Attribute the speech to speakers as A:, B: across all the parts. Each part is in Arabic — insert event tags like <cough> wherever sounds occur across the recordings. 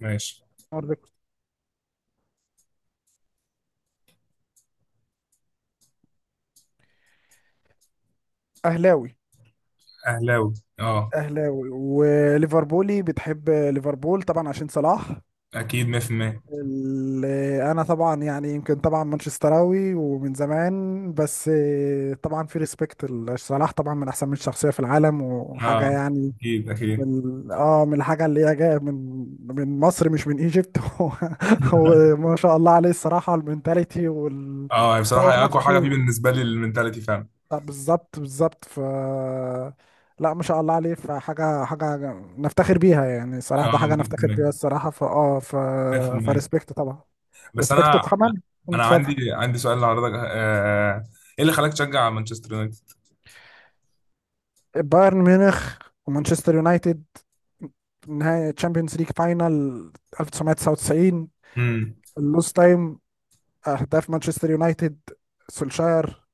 A: ماشي.
B: نهارده. اهلاوي
A: اهلاوي. اه
B: اهلاوي، وليفربولي، بتحب ليفربول طبعا عشان صلاح.
A: اكيد 100%.
B: ال- انا طبعا، يعني يمكن مانشستراوي ومن زمان، بس طبعا في ريسبكت. صلاح طبعا من احسن 100 شخصيه في العالم وحاجه
A: اه
B: يعني.
A: اكيد.
B: من الحاجه اللي هي جايه من مصر، مش من ايجيبت. <laughs> هو
A: <laughs>
B: هو ما شاء الله عليه الصراحه، المنتاليتي
A: اه هي
B: وطور
A: بصراحه اقوى حاجه فيه
B: نفسه.
A: بالنسبه لي المنتاليتي فعلا.
B: لا، بالظبط بالظبط. لا، ما شاء الله عليه، فحاجة نفتخر بيها يعني، صراحة
A: اه
B: ده حاجة نفتخر
A: 100%.
B: بيها الصراحة. فاه ف
A: 100%.
B: فريسبكت طبعا،
A: بس
B: ريسبكت.
A: انا
B: وكمان
A: انا
B: اتفضل.
A: عندي سؤال لحضرتك، ايه اللي خلاك تشجع مانشستر يونايتد؟
B: بايرن ميونخ ومانشستر يونايتد، نهائي تشامبيونز ليج فاينل 1999.
A: امم
B: اللوس تايم، اهداف مانشستر يونايتد، سولشاير.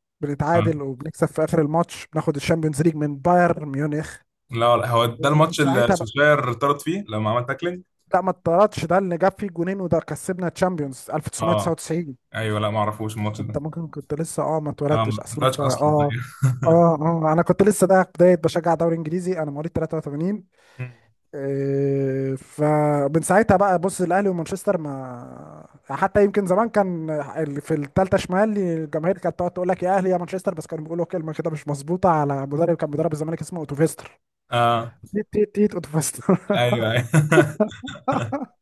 A: اه
B: بنتعادل وبنكسب في اخر الماتش، بناخد الشامبيونز ليج من بايرن ميونخ.
A: لا لا، هو ده
B: ومن
A: الماتش اللي
B: ساعتها.
A: سوشاير طرد فيه لما عمل تاكلينج.
B: لا، ما اتطردش، ده اللي جاب فيه جونين وده كسبنا تشامبيونز
A: اه
B: 1999.
A: ايوه، لا ما اعرفوش الماتش
B: انت
A: ده.
B: ممكن كنت لسه ما
A: اه
B: اتولدتش
A: ما
B: اصلا،
A: طلعش
B: فا
A: اصلا. <laughs>
B: اه
A: ايوه.
B: اه اه انا كنت لسه. ده بدايه بشجع دوري انجليزي، انا مواليد 83.
A: مم.
B: إيه، فمن ساعتها بقى بص، الاهلي ومانشستر، ما حتى يمكن زمان كان في الثالثه شمال الجماهير كانت تقعد تقول لك يا اهلي يا مانشستر، بس كانوا بيقولوا كلمه كده مش مظبوطه على مدرب كان بيدرب الزمالك، اسمه اوتوفيستر.
A: اه
B: تيت تيت تيت اوتوفيستر.
A: ايوه ايوه. <laughs>
B: <laughs>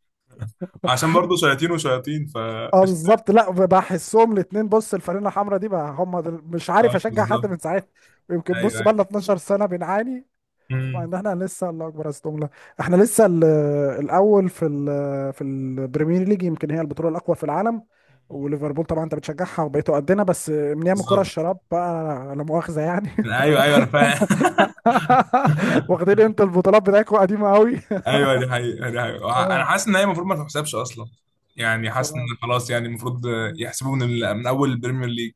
A: عشان برضه شياطين وشياطين. ف
B: اه، بالظبط. لا، بحسهم الاثنين، بص، الفانيله الحمراء دي بقى مش عارف
A: اه
B: اشجع حد
A: بالظبط.
B: من ساعتها. يمكن بص،
A: ايوه.
B: بقى لنا 12 سنه بنعاني،
A: مم.
B: وان احنا لسه. الله اكبر، استغفر الله. احنا لسه الاول في البريمير ليج، يمكن هي البطوله الاقوى في العالم. وليفربول طبعا انت بتشجعها، وبقيتوا قدنا، بس من ايام كره
A: بالظبط.
B: الشراب بقى. لا مؤاخذه يعني.
A: ايوه ايوه، انا فاهم.
B: <laughs>
A: <laughs>
B: واخدين انت البطولات بتاعتكم قديمه قوي.
A: ايوه، دي حقيقة دي
B: <laughs>
A: حقيقة. انا
B: اه
A: حاسس ان هي المفروض ما تحسبش اصلا، يعني
B: ف...
A: حاسس ان خلاص يعني المفروض يحسبوا من من اول البريمير ليج،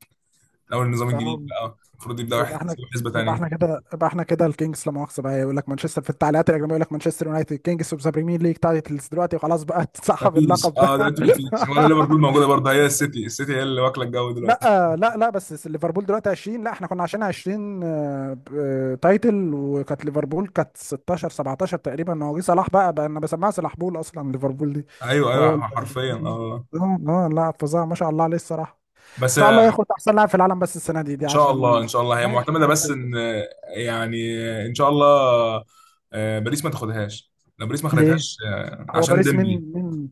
A: من اول النظام
B: اه
A: الجديد بقى المفروض يبداوا
B: يبقى احنا،
A: يحسبوا حسبة
B: يبقى
A: تانية.
B: احنا كده يبقى احنا كده الكينجز، لا مؤاخذه بقى. يقول لك مانشستر في التعليقات الاجنبيه يقول لك مانشستر يونايتد كينجز اوف ذا بريمير ليج تايتلز، دلوقتي خلاص بقى. <laughs>
A: ما
B: تسحب
A: فيش.
B: اللقب ده.
A: اه دلوقتي ما
B: <laughs>
A: فيش ولا ليفربول موجودة برضه، هي السيتي، السيتي هي اللي واكلة الجو دلوقتي.
B: لا لا لا، بس ليفربول دلوقتي 20. لا، احنا كنا عشان 20 تايتل، وكانت ليفربول كانت 16 17 تقريبا. هو جه صلاح بقى، انا بسمعها صلاح بول اصلا ليفربول دي.
A: ايوه
B: هو ال-
A: ايوه حرفيا.
B: <laughs>
A: اه
B: اه لا، فظاع، ما شاء الله عليه الصراحه. ان
A: بس
B: شاء الله ياخد احسن لاعب في العالم بس السنه دي، دي
A: ان شاء الله،
B: عشان
A: ان شاء الله هي
B: ماشي
A: معتمدة، بس
B: بجد.
A: ان يعني ان شاء الله. باريس ما تاخدهاش، لو باريس ما
B: ليه؟
A: خدتهاش
B: هو
A: عشان
B: باريس
A: ديمبلي.
B: من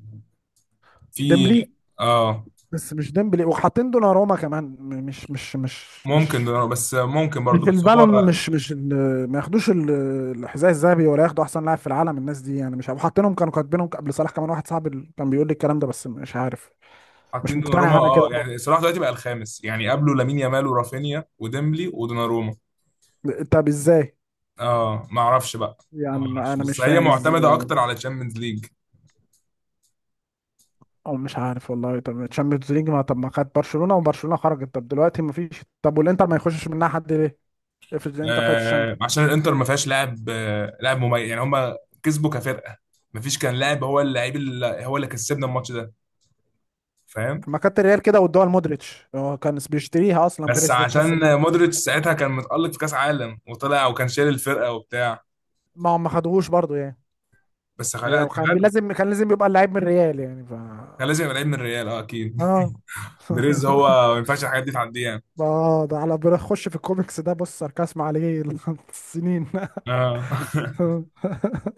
A: في
B: ديمبلي،
A: اه
B: بس مش ديمبلي، وحاطين دوناروما كمان. م- مش مش مش
A: ممكن
B: مش
A: دوناروما، بس ممكن برضه،
B: مش
A: بس
B: البالون.
A: هو
B: مش مش ال- ما ياخدوش الحذاء الذهبي ولا ياخدوا احسن لاعب في العالم، الناس دي يعني مش عارف. وحاطينهم، كانوا كاتبينهم قبل صلاح كمان، واحد صاحبي اللي كان بيقول لي الكلام ده، بس مش عارف. مش
A: حاطين دوناروما.
B: مقتنع انا
A: اه،
B: كده خالص.
A: يعني صلاح دلوقتي بقى الخامس، يعني قبله لامين يامال ورافينيا وديمبلي ودوناروما.
B: طب ازاي؟
A: اه ما اعرفش بقى. ما
B: يعني ما
A: اعرفش،
B: انا
A: بس
B: مش
A: هي
B: فاهم
A: معتمده
B: ازاي.
A: اكتر على تشامبيونز ليج.
B: او مش عارف والله. طب تشامبيونز ليج، ما طب ما خد برشلونة، وبرشلونة خرجت. طب دلوقتي ما فيش. طب والانتر ما يخشش منها حد ليه؟ افرض الانتر خدت
A: آه
B: الشامبيونز.
A: عشان الانتر ما فيهاش لاعب، آه لاعب مميز، يعني هم كسبوا كفرقه. ما فيش كان لاعب، هو اللعيب اللي هو اللي كسبنا الماتش ده، فاهم؟
B: ما كانت الريال كده، والدول مودريتش، هو كان بيشتريها اصلا
A: بس
B: بيريز، ده تحس
A: عشان
B: انها.
A: مودريتش ساعتها كان متألق في كاس عالم وطلع وكان شايل الفرقه وبتاع،
B: ما هم ما خدوهوش برضو يعني.
A: بس
B: هي
A: خلاها
B: كان
A: كان
B: لازم، كان لازم يبقى اللعيب من الريال يعني.
A: لازم يبقى لعيب من الريال، اه اكيد.
B: اه. <laughs>
A: دريز هو ما ينفعش الحاجات دي تعديه يعني.
B: اه، ده على، بيخش في الكوميكس ده، بص ساركاسم عليه. <laughs> السنين.
A: اه. <laughs>
B: <laughs>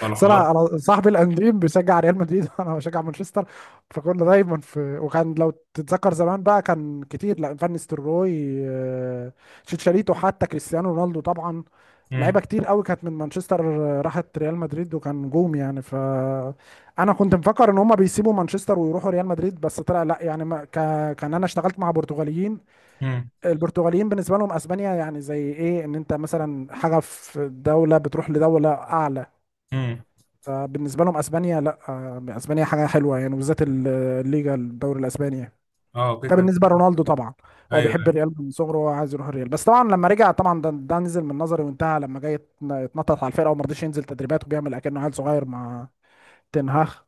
A: فالحوار.
B: صراحة انا صاحبي الانديم بيشجع ريال مدريد <laughs> وانا بشجع مانشستر، فكنا دايما في. وكان، لو تتذكر زمان بقى، كان كتير، لا، فان نيستلروي، شيتشاريتو، حتى كريستيانو رونالدو طبعا. لعيبه
A: مم.
B: كتير قوي كانت من مانشستر، راحت ريال مدريد وكان نجوم يعني. انا كنت مفكر ان هم بيسيبوا مانشستر ويروحوا ريال مدريد، بس طلع لا يعني. ما ك... كان انا اشتغلت مع برتغاليين.
A: مم.
B: البرتغاليين بالنسبه لهم اسبانيا يعني زي ايه، ان انت مثلا حاجه في دوله بتروح لدوله اعلى.
A: مم.
B: فبالنسبه لهم اسبانيا، لا، اسبانيا حاجه حلوه يعني، وبالذات الليجا، الدوري الاسباني يعني.
A: اه اوكي
B: ده
A: كده.
B: بالنسبه لرونالدو طبعا. هو
A: ايوه.
B: بيحب الريال من صغره وهو عايز يروح الريال. بس طبعا لما رجع طبعا، ده نزل من نظري وانتهى، لما جاي يتنطط على الفرقه وما رضيش ينزل تدريبات وبيعمل اكنه عيل صغير مع تنهاخ.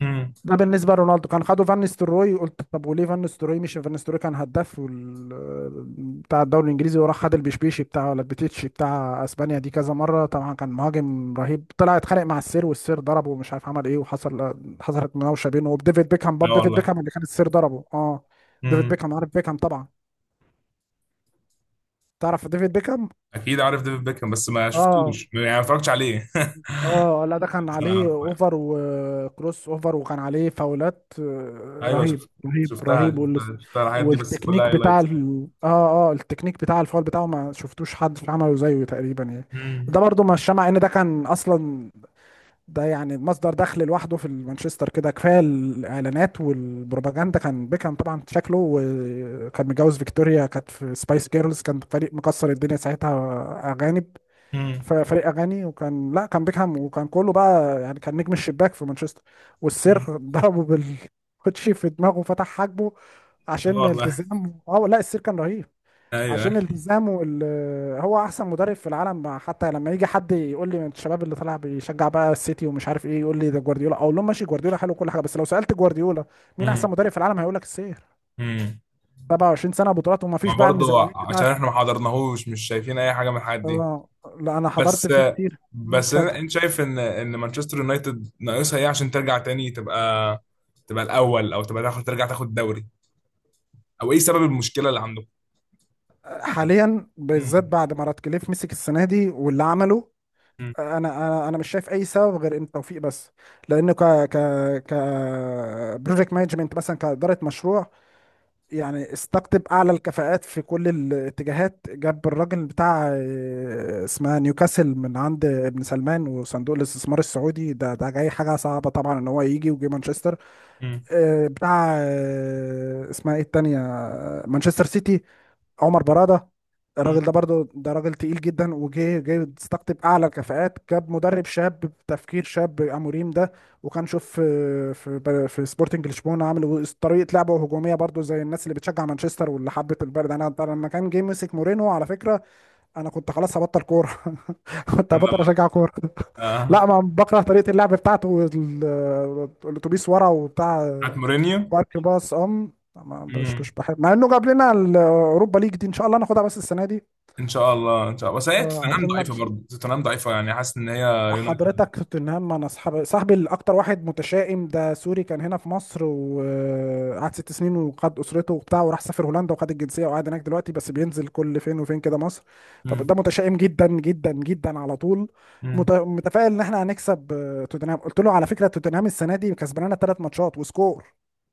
A: مم.
B: ده بالنسبه لرونالدو. كان خده فان ستروي. قلت طب وليه فان ستروي؟ مش فان ستروي كان هداف بتاع الدوري الانجليزي، وراح خد البشبيشي بتاع ولا البتيتشي بتاع اسبانيا دي كذا مره. طبعا كان مهاجم رهيب، طلع اتخانق مع السير، والسير ضربه، ومش عارف عمل ايه. حصلت مناوشه بينه وبديفيد بيكهام برضه،
A: لا
B: ديفيد
A: والله.
B: بيكهام اللي كان السير ضربه، اه. ديفيد
A: مم.
B: بيكهام، عارف بيكهام طبعا؟ تعرف ديفيد بيكهام؟
A: اكيد عارف ديفيد بيكهام، بس ما
B: اه
A: شفتوش يعني، ما اتفرجتش عليه.
B: اه لا، ده
A: <laughs>
B: كان
A: بس انا
B: عليه
A: عارفه يعني.
B: اوفر وكروس اوفر، وكان عليه فاولات
A: ايوه
B: رهيب
A: شفت،
B: رهيب رهيب.
A: شفتها، شفتها الحاجات دي، بس كلها
B: والتكنيك بتاع
A: هايلايت.
B: ال... اه اه التكنيك بتاع الفاول بتاعه ما شفتوش حد عمله زيه تقريبا يعني.
A: امم
B: ده برضو مش، مع ان ده كان اصلا، ده يعني مصدر دخل لوحده في مانشستر كده كفايه. الاعلانات والبروباجندا كان بيكهام طبعا، شكله، وكان متجوز فيكتوريا كانت في سبايس جيرلز، كان فريق مكسر الدنيا ساعتها، اغاني
A: امم
B: في فريق اغاني. وكان، لا، كان بيكهام وكان كله بقى، يعني كان نجم الشباك في مانشستر. والسير <laughs> ضربه بالكوتشي في دماغه وفتح حاجبه
A: لا
B: عشان
A: والله.
B: التزام. اه، لا، السير كان رهيب،
A: ايوه.
B: عشان التزامه. هو احسن مدرب في العالم. حتى لما يجي حد يقول لي من الشباب اللي طالع بيشجع بقى السيتي ومش عارف ايه، يقول لي ده جوارديولا، اقول لهم ماشي، جوارديولا حلو كل حاجه، بس لو سالت جوارديولا مين
A: مم.
B: احسن مدرب في العالم هيقول لك السير.
A: مم.
B: 27 سنه بطولات، وما فيش
A: ما
B: بقى
A: برضه
B: الميزانيات بتاعت.
A: عشان احنا ما حضرناهوش، مش شايفين اي حاجه من الحاجات دي.
B: اه، لا، انا حضرت
A: بس،
B: فيه كتير. مم،
A: بس
B: اتفضل.
A: انت شايف ان ان مانشستر يونايتد ناقصها ايه عشان ترجع تاني تبقى، تبقى الاول، او تبقى تاخد، ترجع تاخد دوري، او ايه سبب المشكله اللي عندكم؟
B: حاليا بالذات
A: مم.
B: بعد ما رات كليف مسك السنه دي واللي عمله،
A: مم.
B: انا مش شايف اي سبب غير ان التوفيق بس، لانه ك ك ك بروجكت مانجمنت مثلا، كاداره مشروع يعني. استقطب اعلى الكفاءات في كل الاتجاهات، جاب الراجل بتاع اسمها نيوكاسل من عند ابن سلمان وصندوق الاستثمار السعودي. ده جاي، حاجه صعبه طبعا ان هو يجي وجي مانشستر.
A: مم.
B: بتاع اسمها ايه التانيه، مانشستر سيتي، عمر برادة.
A: مم.
B: الراجل ده برضه، ده راجل تقيل جدا، وجه جاي يستقطب اعلى الكفاءات، جاب مدرب شاب بتفكير شاب، اموريم ده. وكان شوف في سبورتنج لشبونه، عامل طريقه لعبه هجوميه برضه زي الناس اللي بتشجع مانشستر واللي حبت البلد. انا لما كان جه مسك مورينو، على فكره انا كنت خلاص هبطل كوره. <laughs> كنت
A: لا
B: هبطل
A: لا.
B: اشجع كوره. <laughs>
A: آه.
B: لا، ما بكره طريقه اللعب بتاعته، الاتوبيس ورا وبتاع،
A: بتاعت مورينيو.
B: مارك باص، ام ما- مش
A: مم.
B: مش بحب، مع انه جاب لنا الاوروبا ليج دي، ان شاء الله ناخدها بس السنه دي.
A: ان شاء الله ان شاء الله، بس هي توتنهام
B: عشان انا
A: ضعيفه
B: مش.
A: برضه، توتنهام ضعيفه، يعني حاسس ان هي. يونايتد.
B: حضرتك توتنهام. انا صاحبي، الاكتر واحد متشائم، ده سوري، كان هنا في مصر وقعد ست سنين وقعد اسرته وبتاع، وراح سافر هولندا وخد الجنسيه وقاعد هناك دلوقتي، بس بينزل كل فين وفين كده مصر.
A: مم.
B: فده متشائم جدا جدا جدا على طول.
A: مم.
B: متفائل ان احنا هنكسب توتنهام. قلت له على فكره توتنهام السنه دي كسبانه ثلاث ماتشات، وسكور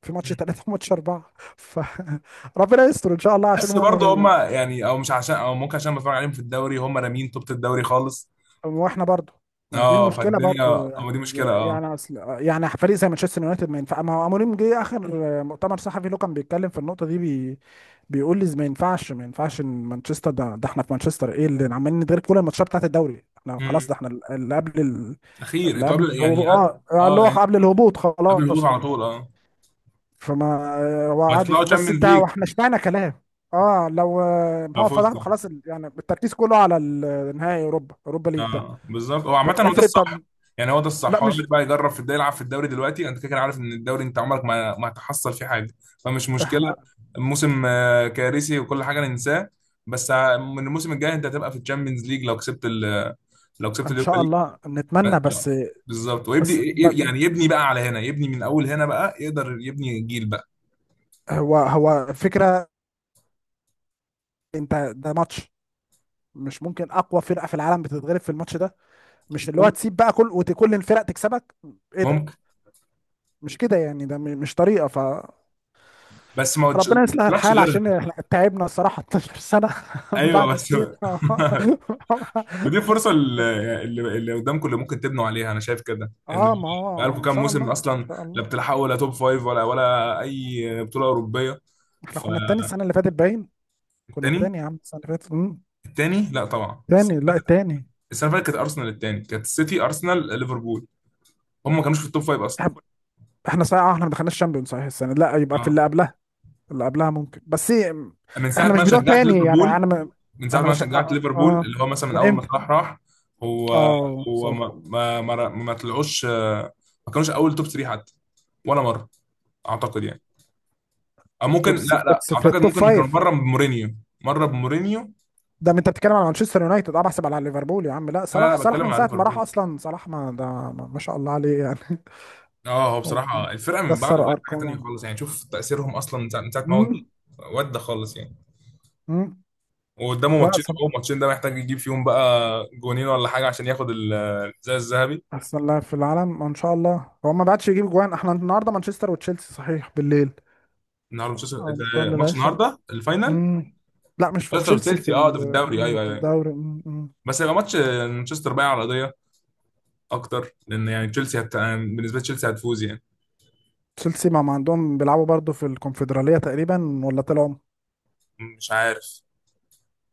B: في ماتش
A: مم.
B: ثلاثة وماتش أربعة. فربنا <laughs> يستر إن شاء الله، عشان
A: بس
B: هم
A: برضه هم يعني، او مش عشان، او ممكن عشان بتفرج عليهم في الدوري، هم رامين توبة الدوري خالص.
B: واحنا برضو، ما دي
A: اه
B: المشكله
A: فالدنيا،
B: برضو يعني.
A: هو دي مشكله اه.
B: يعني اصل يعني فريق زي مانشستر يونايتد ما ينفع. ما هو اموريم جه اخر مؤتمر صحفي له كان بيتكلم في النقطه دي. بيقول لي ما ينفعش، ما ينفعش ان مانشستر ده احنا في مانشستر، ايه اللي عمالين ندير كل الماتشات بتاعت الدوري؟ احنا خلاص ده، احنا اللي قبل
A: اخير
B: اللي
A: انتوا
B: قبل
A: قبل يعني.
B: الهبوط. اه، اللي
A: اه
B: هو
A: يعني
B: قبل الهبوط
A: قبل الهبوط
B: خلاص
A: على
B: يعني.
A: طول اه.
B: فما هو عادي،
A: وهتطلعوا
B: بس
A: تشامبيونز
B: انت
A: ليج
B: هو احنا اشمعنى كلام. اه، لو
A: لو
B: هو فضح
A: فزتوا.
B: خلاص يعني التركيز كله على نهائي اوروبا، اوروبا ليج ده.
A: اه بالظبط، هو عامة
B: طب
A: هو ده
B: افرض، طب
A: الصح، يعني هو ده
B: لا،
A: الصح، هو
B: مش
A: اللي بقى يجرب في الدوري، يلعب في الدوري دلوقتي انت كده كده عارف ان الدوري انت عمرك ما، ما هتحصل فيه حاجة، فمش مشكلة.
B: احنا.
A: الموسم كارثي وكل حاجة ننساه. بس من الموسم الجاي انت هتبقى في الشامبيونز ليج لو كسبت لو كسبت
B: ان
A: اليوروبا
B: شاء
A: ليج.
B: الله نتمنى
A: إن شاء الله.
B: بس.
A: بالظبط، ويبدي
B: بس ب-
A: يعني يبني بقى على هنا، يبني من اول هنا، بقى يقدر يبني جيل بقى.
B: هو، هو فكرة، انت ده ماتش، مش ممكن اقوى فرقة في العالم بتتغلب في الماتش ده، مش اللي هو
A: ممكن.
B: تسيب بقى كل، وكل الفرق تكسبك. ايه ده؟
A: ممكن.
B: مش كده يعني، ده مش طريقة.
A: بس ما قلتش- ما
B: فربنا يصلح
A: قلتلكش
B: الحال،
A: غيرها.
B: عشان احنا تعبنا الصراحة 12 سنة. <laughs> من بعد
A: ايوه بس.
B: السير. <laughs>
A: <laughs> ودي فرصه اللي قدامكم اللي ممكن تبنوا عليها، انا شايف كده ان
B: اه، ما هو
A: بقالكم
B: ان
A: كام
B: شاء الله
A: موسم
B: ان
A: اصلا
B: شاء
A: لا
B: الله.
A: بتلحقوا ولا توب فايف ولا ولا اي بطوله اوروبيه.
B: احنا كنا التاني السنة اللي فاتت باين، كنا
A: فالتاني.
B: التاني يا عم السنة اللي فاتت. مم.
A: التاني، لا طبعا السنه
B: تاني، لا،
A: اللي فاتت،
B: التاني.
A: السنة اللي فاتت كانت ارسنال التاني، كانت السيتي ارسنال ليفربول، هم ما كانوش في التوب فايف اصلا.
B: احنا صحيح احنا ما دخلناش شامبيون صحيح السنه، لا يبقى في
A: اه،
B: اللي قبلها، اللي قبلها ممكن. بس إيه،
A: من ساعه ما
B: احنا مش
A: أنا
B: بتوع
A: شجعت
B: تاني يعني،
A: ليفربول، من ساعه
B: انا
A: ما أنا
B: مش
A: شجعت ليفربول، اللي هو مثلا من
B: من
A: اول ما
B: امتى؟
A: صلاح راح. هو
B: اه،
A: هو
B: صح.
A: ما طلعوش ما كانوش اول توب 3 حتى، ولا مره اعتقد يعني، او ممكن، لا لا
B: بس في
A: اعتقد
B: التوب
A: ممكن كان
B: فايف.
A: بره بمورينيو، مره بمورينيو.
B: ده ما انت بتتكلم على مانشستر يونايتد اه بحسب على ليفربول يا عم؟ لا،
A: لا
B: صلاح،
A: لا
B: صلاح من
A: بتكلم على
B: ساعه ما راح
A: ليفربول.
B: اصلا. صلاح ما ده، ما شاء الله عليه يعني. <laughs>
A: اه هو
B: هو
A: بصراحه الفرقه من
B: كسر
A: بعده بقت حاجه تانيه
B: ارقام.
A: خالص، يعني شوف تاثيرهم اصلا من ساعه، من ساعة ما هو جه.
B: امم.
A: ودى خالص يعني.
B: امم.
A: وقدامه
B: لا،
A: ماتشين، هو
B: صلاح
A: ماتشين ده محتاج يجيب فيهم بقى جونين ولا حاجه عشان ياخد الزي الذهبي.
B: احسن لاعب في العالم ان شاء الله. هو ما بعدش يجيب جوان. احنا النهارده مانشستر وتشيلسي، صحيح، بالليل،
A: النهارده مانشستر،
B: اه،
A: ده
B: نصلي
A: ماتش
B: العشاء.
A: النهارده الفاينل.
B: مم. لا، مش في
A: تشيلسي،
B: تشيلسي، في
A: وتشيلسي اه ده في الدوري، ايوه
B: في
A: ايوه أيوة.
B: الدوري. مم، مم.
A: بس هيبقى ماتش مانشستر بقى على القضيه اكتر، لان يعني بالنسبه لتشيلسي هتفوز يعني.
B: تشيلسي ما عندهم، بيلعبوا برضه في الكونفدرالية تقريبا، ولا طلعوا؟
A: مش عارف،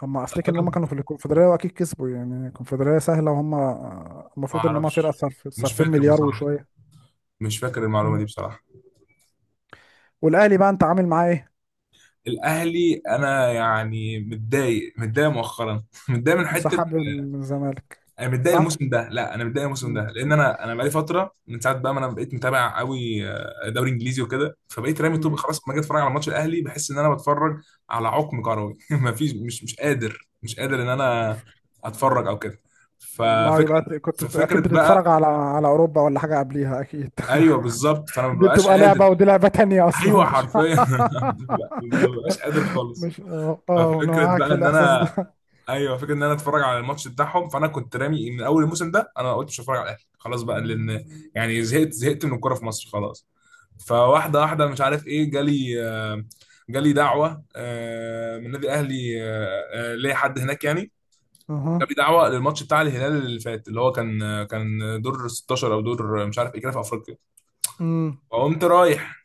A: بس
B: افتكر ان هم
A: اعتقد،
B: كانوا في الكونفدرالية واكيد كسبوا يعني، الكونفدرالية سهلة، وهم
A: ما
B: المفروض ان هم
A: اعرفش،
B: فرقة صرف،
A: مش
B: صارفين
A: فاكر
B: مليار
A: بصراحه،
B: وشوية.
A: مش فاكر المعلومة
B: مم.
A: دي بصراحة.
B: والاهلي بقى انت عامل معاه ايه؟
A: الأهلي أنا يعني متضايق، متضايق مؤخرا. <laughs> متضايق من حتة.
B: انسحاب من الزمالك.
A: أنا متضايق
B: صح؟
A: الموسم ده، لا أنا متضايق الموسم
B: مم.
A: ده لأن أنا بقالي فترة من ساعة بقى ما أنا بقيت متابع قوي دوري إنجليزي وكده، فبقيت رامي طوب
B: مم.
A: خلاص، لما أجي أتفرج على ماتش الأهلي بحس إن أنا بتفرج على عقم كروي. <laughs> مفيش، مش قادر، مش قادر إن أنا أتفرج أو كده.
B: ما
A: ففكرة،
B: يبقى كنت
A: ففكرة
B: اكيد بتتفرج
A: بقى.
B: على اوروبا ولا حاجة قبليها اكيد.
A: أيوه بالظبط، فأنا ما
B: دي
A: ببقاش
B: بتبقى
A: قادر.
B: لعبة، ودي لعبة تانية أصلا
A: أيوه
B: مش.
A: حرفيا. <laughs> ما ببقاش قادر
B: <laughs>
A: خالص.
B: مش، أنا
A: ففكره
B: معاك
A: بقى
B: في
A: ان
B: الإحساس
A: انا،
B: ده.
A: ايوه فكره ان انا اتفرج على الماتش بتاعهم، فانا كنت رامي من اول الموسم ده، انا قلت مش هتفرج على الاهلي خلاص بقى، لان يعني زهقت، زهقت من الكوره في مصر خلاص. فواحده واحده مش عارف ايه، جالي جالي دعوه من نادي الاهلي ليا حد هناك يعني،
B: اها،
A: جالي دعوه للماتش بتاع الهلال اللي فات، اللي هو كان كان دور 16 او دور مش عارف ايه كده في افريقيا،
B: امم،
A: فقمت رايح.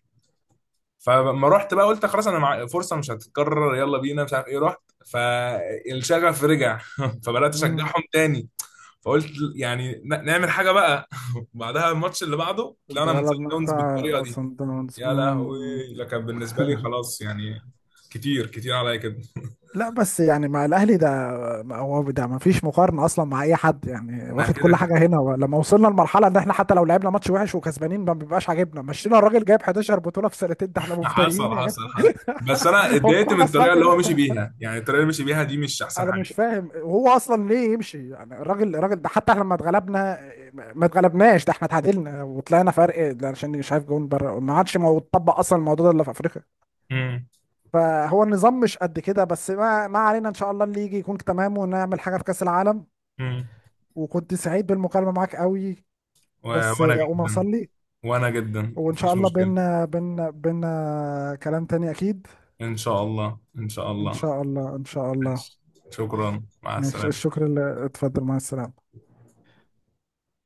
A: فلما رحت بقى قلت خلاص انا مع فرصه مش هتتكرر، يلا بينا مش عارف ايه، رحت، فالشغف رجع. <laughs> فبدات
B: امم.
A: اشجعهم تاني. فقلت يعني نعمل حاجه بقى. <laughs> بعدها الماتش اللي بعده طلعنا من سان
B: اتغلبنا
A: داونز
B: بتاع
A: بالطريقه دي،
B: اصلا داونز،
A: يا لهوي.
B: امم.
A: لكن بالنسبه لي خلاص يعني، كتير كتير عليا كده.
B: لا بس يعني مع الاهلي ده، ما هو ده ما فيش مقارنه اصلا مع اي حد يعني،
A: ما
B: واخد
A: كده
B: كل
A: كده.
B: حاجه هنا، لما وصلنا لمرحله ان احنا حتى لو لعبنا ماتش وحش وكسبانين ما بيبقاش عاجبنا. مشينا الراجل جايب 11 بطوله في سنتين، ده احنا
A: <laughs>
B: مفتريين
A: حصل
B: يا
A: حصل
B: جدع.
A: حصل. بس انا
B: <laughs> هو في
A: اتضايقت
B: حاجه
A: من
B: اسمها
A: الطريقه اللي هو
B: كده؟
A: مشي بيها، يعني الطريقه اللي مشي بيها دي مش احسن
B: انا
A: حاجه.
B: مش فاهم هو اصلا ليه يمشي يعني. الراجل، ده حتى احنا لما اتغلبنا، ما اتغلبناش، ده احنا اتعادلنا وطلعنا فرق، ده عشان مش عارف جون بره ما عادش، اتطبق اصلا الموضوع ده الا في افريقيا.
A: امم
B: فهو النظام مش قد كده، بس ما علينا، ان شاء الله اللي يجي يكون تمام ونعمل حاجه في كاس العالم.
A: امم
B: وكنت سعيد بالمكالمه معاك قوي، بس
A: وانا
B: اقوم
A: جدا،
B: اصلي،
A: وانا جدا
B: وان شاء
A: مفيش
B: الله
A: مشكله.
B: بينا، بينا كلام تاني اكيد.
A: إن شاء الله إن شاء
B: ان
A: الله.
B: شاء الله ان شاء الله.
A: ماشي. شكرا، مع
B: ماشي،
A: السلامة.
B: الشكر اللي اتفضل، مع السلامه.